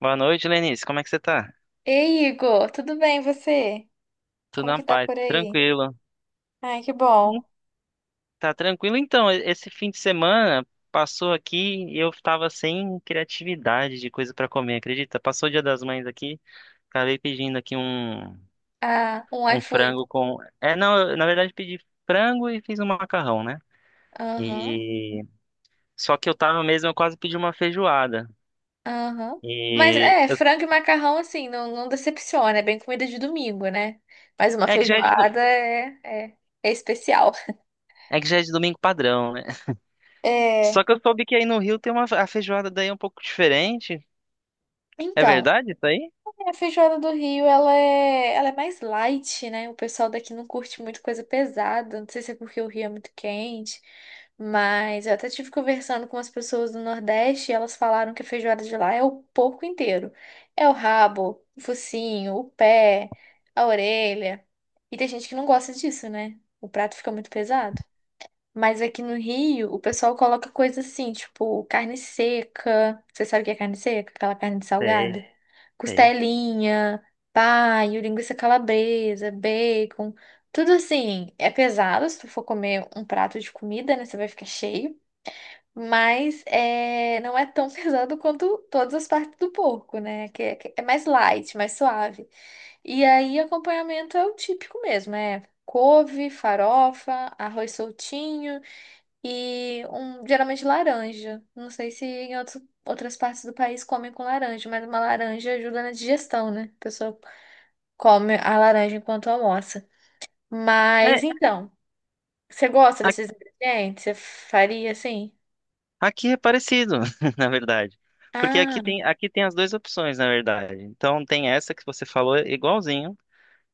Boa noite, Lenice. Como é que você tá? Ei, Igor, tudo bem, e você? Tudo Como na que tá paz, por aí? tranquilo. Ai, que Hum, bom. Tá tranquilo? Então, esse fim de semana passou aqui e eu tava sem criatividade de coisa pra comer, acredita? Passou o Dia das Mães aqui, acabei pedindo aqui um, Ah, um um iFood. frango com. É, não, eu, na verdade pedi frango e fiz um macarrão, né? Aham, E só que eu tava mesmo, eu quase pedi uma feijoada. aham. Mas E é, eu... frango e macarrão, assim, não decepciona. É bem comida de domingo, né? Mas uma é que já é de... do- feijoada é é especial. É que já é de domingo padrão, né? Só É, que eu soube que aí no Rio tem uma a feijoada daí é um pouco diferente. É então. verdade isso aí? A feijoada do Rio, ela é mais light, né? O pessoal daqui não curte muito coisa pesada. Não sei se é porque o Rio é muito quente, mas eu até tive conversando com as pessoas do Nordeste e elas falaram que a feijoada de lá é o porco inteiro. É o rabo, o focinho, o pé, a orelha. E tem gente que não gosta disso, né? O prato fica muito pesado. Mas aqui no Rio, o pessoal coloca coisa assim, tipo carne seca. Você sabe o que é carne seca? Aquela carne de Sei, salgada? É. sei. Costelinha, paio, linguiça calabresa, bacon. Tudo assim, é pesado. Se tu for comer um prato de comida, né, você vai ficar cheio. Mas é, não é tão pesado quanto todas as partes do porco, né? Que é mais light, mais suave. E aí, acompanhamento é o típico mesmo, é couve, farofa, arroz soltinho. E um, geralmente laranja. Não sei se em outras partes do país comem com laranja, mas uma laranja ajuda na digestão, né? A pessoa come a laranja enquanto almoça. É, Mas então, você gosta a- desses ingredientes? Você faria assim? aqui é parecido, na verdade. Porque aqui Ah, tem, aqui tem as duas opções, na verdade. Então tem essa que você falou é igualzinho.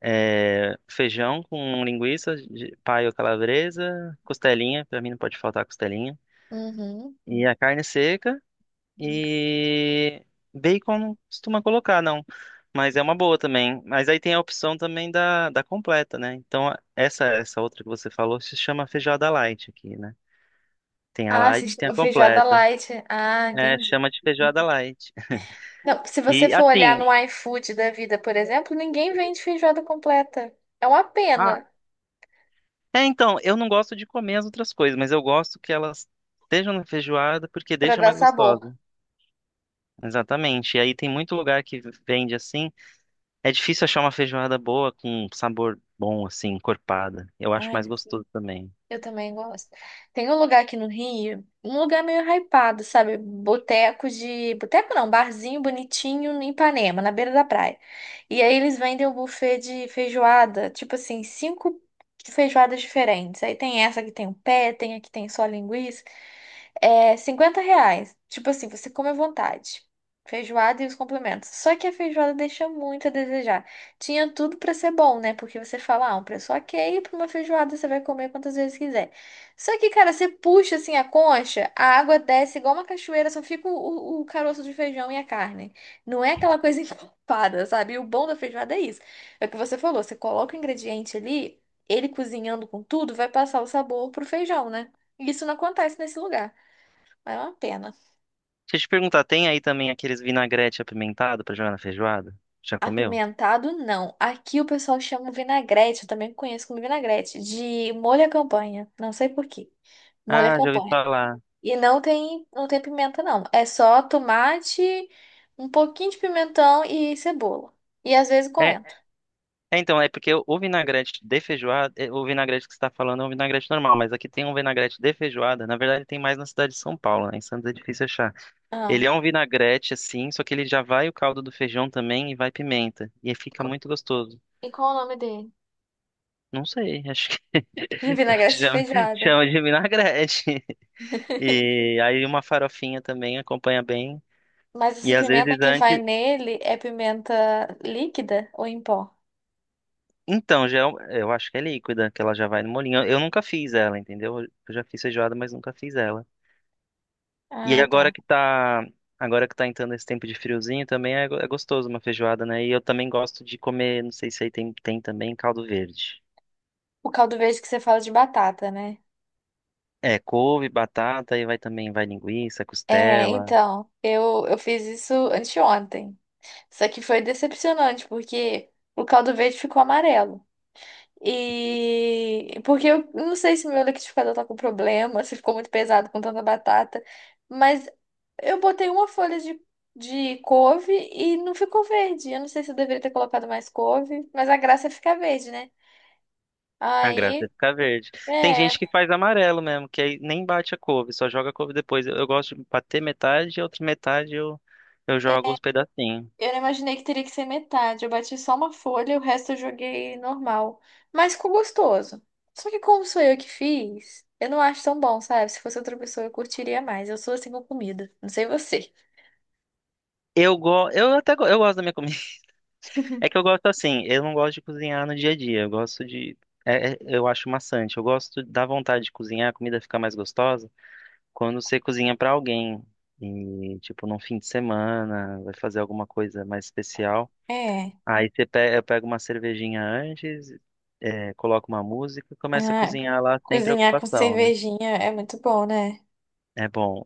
É, feijão com linguiça, paio calabresa, costelinha, pra mim não pode faltar costelinha. uhum. E a carne seca e bacon não costuma colocar, não. Mas é uma boa também. Mas aí tem a opção também da completa, né? Então essa outra que você falou se chama feijoada light aqui, né? Tem a Ah, se light, tem a chama feijoada completa. light. Ah, É, entendi. chama de feijoada light. Não, se você E for olhar assim, no iFood da vida, por exemplo, ninguém vende feijoada completa. É uma ah, pena é então, eu não gosto de comer as outras coisas, mas eu gosto que elas estejam na feijoada porque para deixa dar mais sabor. gostosa. Exatamente. E aí tem muito lugar que vende assim. É difícil achar uma feijoada boa com sabor bom, assim, encorpada. Eu acho Ai. mais gostoso também. Eu também gosto. Tem um lugar aqui no Rio, um lugar meio hypado, sabe? Boteco de. Boteco não, barzinho bonitinho em Ipanema, na beira da praia. E aí eles vendem o buffet de feijoada, tipo assim, cinco feijoadas diferentes. Aí tem essa que tem o pé, tem a que tem só linguiça. É R$ 50. Tipo assim, você come à vontade. Feijoada e os complementos. Só que a feijoada deixa muito a desejar. Tinha tudo pra ser bom, né? Porque você fala, ah, um preço ok, pra uma feijoada você vai comer quantas vezes quiser. Só que, cara, você puxa assim a concha, a água desce igual uma cachoeira, só fica o caroço de feijão e a carne. Não é aquela coisa encorpada, sabe? E o bom da feijoada é isso. É o que você falou, você coloca o ingrediente ali, ele cozinhando com tudo, vai passar o sabor pro feijão, né? E isso não acontece nesse lugar. Mas é uma pena. Deixa eu te perguntar, tem aí também aqueles vinagrete apimentado pra jogar na feijoada? Já comeu? Apimentado, não. Aqui o pessoal chama vinagrete, eu também conheço como vinagrete, de molho à campanha. Não sei por quê. Molho à Ah, já ouvi campanha. falar. E não tem pimenta, não. É só tomate, um pouquinho de pimentão e cebola. E às vezes É, coentro. é, então, é porque o vinagrete de feijoada, é, o vinagrete que você está falando é um vinagrete normal, mas aqui tem um vinagrete de feijoada. Na verdade, tem mais na cidade de São Paulo, né? Em Santos é difícil achar. Ah, Ele é um vinagrete assim, só que ele já vai o caldo do feijão também e vai pimenta. E aí fica co- muito gostoso. e qual é o nome dele? Não sei, acho que Vinagrete de chama, feijoada. chama de vinagrete. E aí uma farofinha também acompanha bem. Mas essa E às pimenta vezes que vai antes. nele é pimenta líquida ou em pó? Então, já, é eu acho que é líquida, que ela já vai no molinho. Eu nunca fiz ela, entendeu? Eu já fiz feijoada, mas nunca fiz ela. E Ah, agora tá. que tá, agora que tá entrando esse tempo de friozinho, também é, é gostoso uma feijoada, né? E eu também gosto de comer, não sei se aí tem, também caldo verde. O caldo verde que você fala de batata, né? É, couve, batata, e vai também, vai linguiça, É, costela. então, eu fiz isso anteontem. Só que foi decepcionante, porque o caldo verde ficou amarelo. E porque eu não sei se meu liquidificador tá com problema, se ficou muito pesado com tanta batata, mas eu botei uma folha de couve e não ficou verde. Eu não sei se eu deveria ter colocado mais couve, mas a graça é ficar verde, né? A graça é Aí, ficar verde. Tem gente é. que faz amarelo mesmo, que aí nem bate a couve, só joga a couve depois. Eu gosto de bater metade, e a outra metade eu jogo os pedacinhos. Eu não imaginei que teria que ser metade. Eu bati só uma folha e o resto eu joguei normal. Mas ficou gostoso. Só que como sou eu que fiz, eu não acho tão bom, sabe? Se fosse outra pessoa, eu curtiria mais. Eu sou assim com comida. Não sei você. Eu, go eu até go eu gosto da minha comida. É que eu gosto assim, eu não gosto de cozinhar no dia a dia, eu gosto de. Eu acho maçante, eu gosto da vontade de cozinhar, a comida fica mais gostosa quando você cozinha pra alguém. E, tipo, num fim de semana, vai fazer alguma coisa mais especial. É. Aí você pega, eu pego uma cervejinha antes, é, coloco uma música e começa a Ah, cozinhar lá sem cozinhar com preocupação, né? cervejinha é muito bom, né? É bom.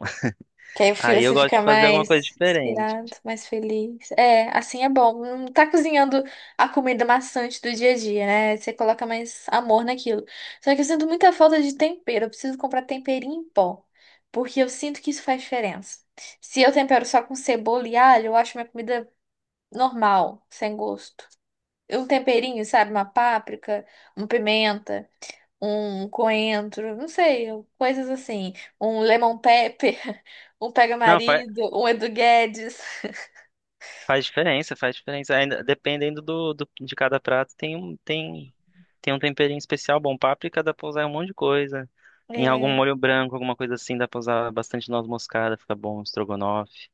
Que aí o filho Aí eu você gosto fica de fazer alguma coisa mais diferente. inspirado, mais feliz. É, assim é bom. Não tá cozinhando a comida maçante do dia a dia, né? Você coloca mais amor naquilo. Só que eu sinto muita falta de tempero. Eu preciso comprar temperinho em pó. Porque eu sinto que isso faz diferença. Se eu tempero só com cebola e alho, eu acho minha comida normal, sem gosto. Um temperinho, sabe? Uma páprica, uma pimenta um coentro, não sei, coisas assim, um lemon pepper, um Não, pega-marido, um Edu Guedes. faz diferença, faz diferença. Ainda, dependendo de cada prato, tem um temperinho especial bom. Páprica dá pra usar em um monte de coisa. Em algum É, molho branco, alguma coisa assim, dá pra usar bastante noz moscada, fica bom, estrogonofe,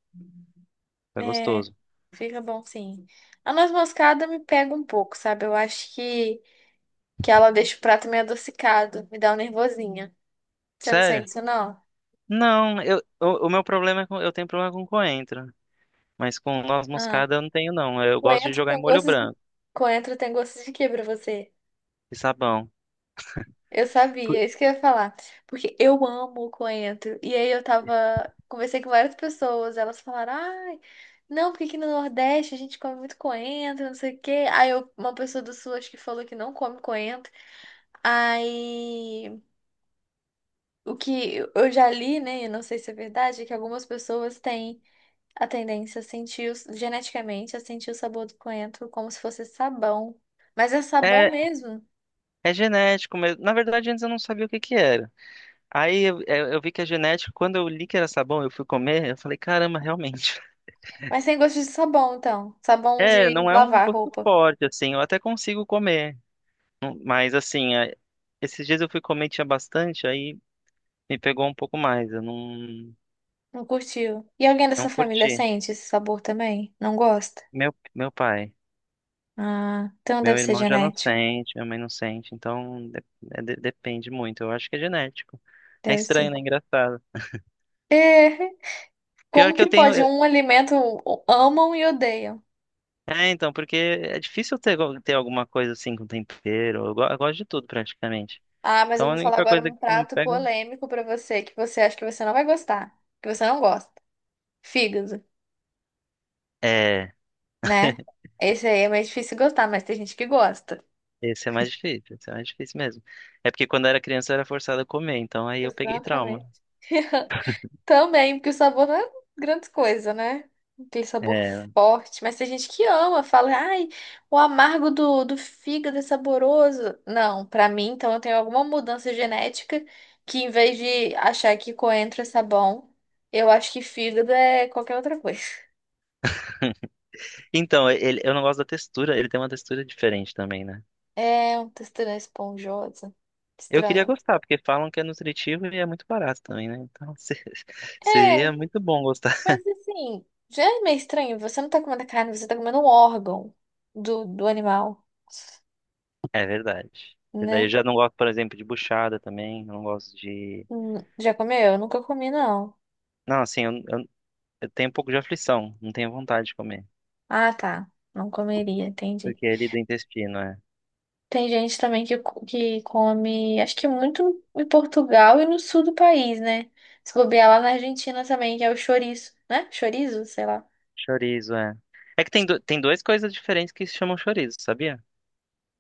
fica é, gostoso. fica bom sim. A noz moscada me pega um pouco, sabe? Eu acho que ela deixa o prato meio adocicado, me dá um nervosinha. Você não sente Sério? isso, não? Não, eu, o meu problema é com, eu tenho problema com coentro, mas com noz Ah, moscada eu não tenho não. Eu gosto de coentro jogar em tem molho gostos de... branco Coentro tem gostos de quê pra você? e sabão. Eu sabia, é Por- isso que eu ia falar. Porque eu amo o coentro. E aí eu tava. Conversei com várias pessoas, elas falaram, ai, não, porque aqui no Nordeste a gente come muito coentro, não sei o quê. Uma pessoa do Sul acho que falou que não come coentro. Aí o que eu já li, né? Eu não sei se é verdade, é que algumas pessoas têm a tendência a sentir geneticamente a sentir o sabor do coentro como se fosse sabão. Mas é sabão É, mesmo. é genético mesmo. Na verdade, antes eu não sabia o que que era. Aí eu vi que é genético, quando eu li que era sabão, eu fui comer, eu falei, caramba, realmente. Mas tem gosto de sabão, então. Sabão É, de não é um lavar gosto roupa. forte, assim, eu até consigo comer. Mas assim, esses dias eu fui comer, tinha bastante, aí me pegou um pouco mais, eu não, Não curtiu. E alguém da sua não família curti. sente esse sabor também? Não gosta? Meu pai, Ah, então deve meu ser irmão já não genético. sente, minha mãe não sente, então depende muito, eu acho que é genético. É Deve ser. estranho, né? Engraçado. É, Pior como que eu que tenho. pode É, um alimento amam e odeiam? é, então, porque é difícil ter, alguma coisa assim com tempero. Eu gosto de tudo praticamente. Ah, mas eu Então a vou falar única agora coisa um que não me prato pega polêmico pra você que você acha que você não vai gostar, que você não gosta. Fígado, é. né? Esse aí é mais difícil gostar, mas tem gente que gosta. Esse é mais difícil, esse é mais difícil mesmo. É porque quando eu era criança eu era forçada a comer, então aí eu peguei trauma. Exatamente. Também, porque o sabor não é grande coisa, né? Aquele sabor É. forte. Mas tem gente que ama, fala, ai, o amargo do fígado é saboroso. Não, pra mim, então eu tenho alguma mudança genética que em vez de achar que coentro é sabão, eu acho que fígado é qualquer outra coisa. Então, ele, eu não gosto da textura, ele tem uma textura diferente também, né? É uma textura esponjosa. Eu queria Estranho. gostar, porque falam que é nutritivo e é muito barato também, né? Então É, seria muito bom gostar. mas assim, já é meio estranho. Você não tá comendo a carne, você tá comendo um órgão do animal, É verdade. Verdade. Eu né? já não gosto, por exemplo, de buchada também, eu não gosto de. Já comeu? Eu nunca comi, não. Não, assim, eu tenho um pouco de aflição, não tenho vontade de comer, Ah, tá. Não comeria, entendi. porque é ali do intestino, é. Tem gente também que, que come, acho que muito em Portugal e no sul do país, né? Se bobear lá na Argentina também, que é o chouriço, né? Chorizo, sei lá. Chorizo, é. É que tem duas coisas diferentes que se chamam chorizo, sabia?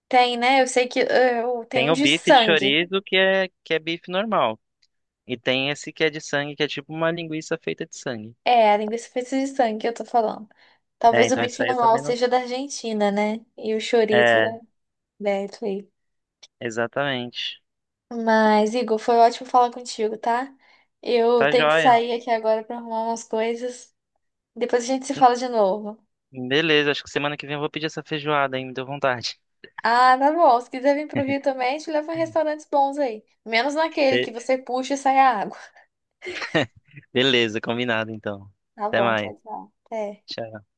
Tem, né? Eu sei que tem Tem um o de bife de sangue. chorizo, que é bife normal. E tem esse que é de sangue, que é tipo uma linguiça feita de sangue. É, a linguiça feita de sangue que eu tô falando. É, Talvez o então essa bife aí eu normal também não. seja da Argentina, né? E o chorizo É, é da Italy. exatamente. Mas, Igor, foi ótimo falar contigo, tá? Eu Tá tenho que joia. sair aqui agora pra arrumar umas coisas. Depois a gente se fala de novo. Beleza, acho que semana que vem eu vou pedir essa feijoada aí, me deu vontade. Ah, tá bom. Se quiser vir pro Rio também, te levo em restaurantes bons aí. Menos naquele que Be- você puxa e sai a água. Beleza, combinado então. Tá Até bom, mais. tchau, tchau. Até. Tchau.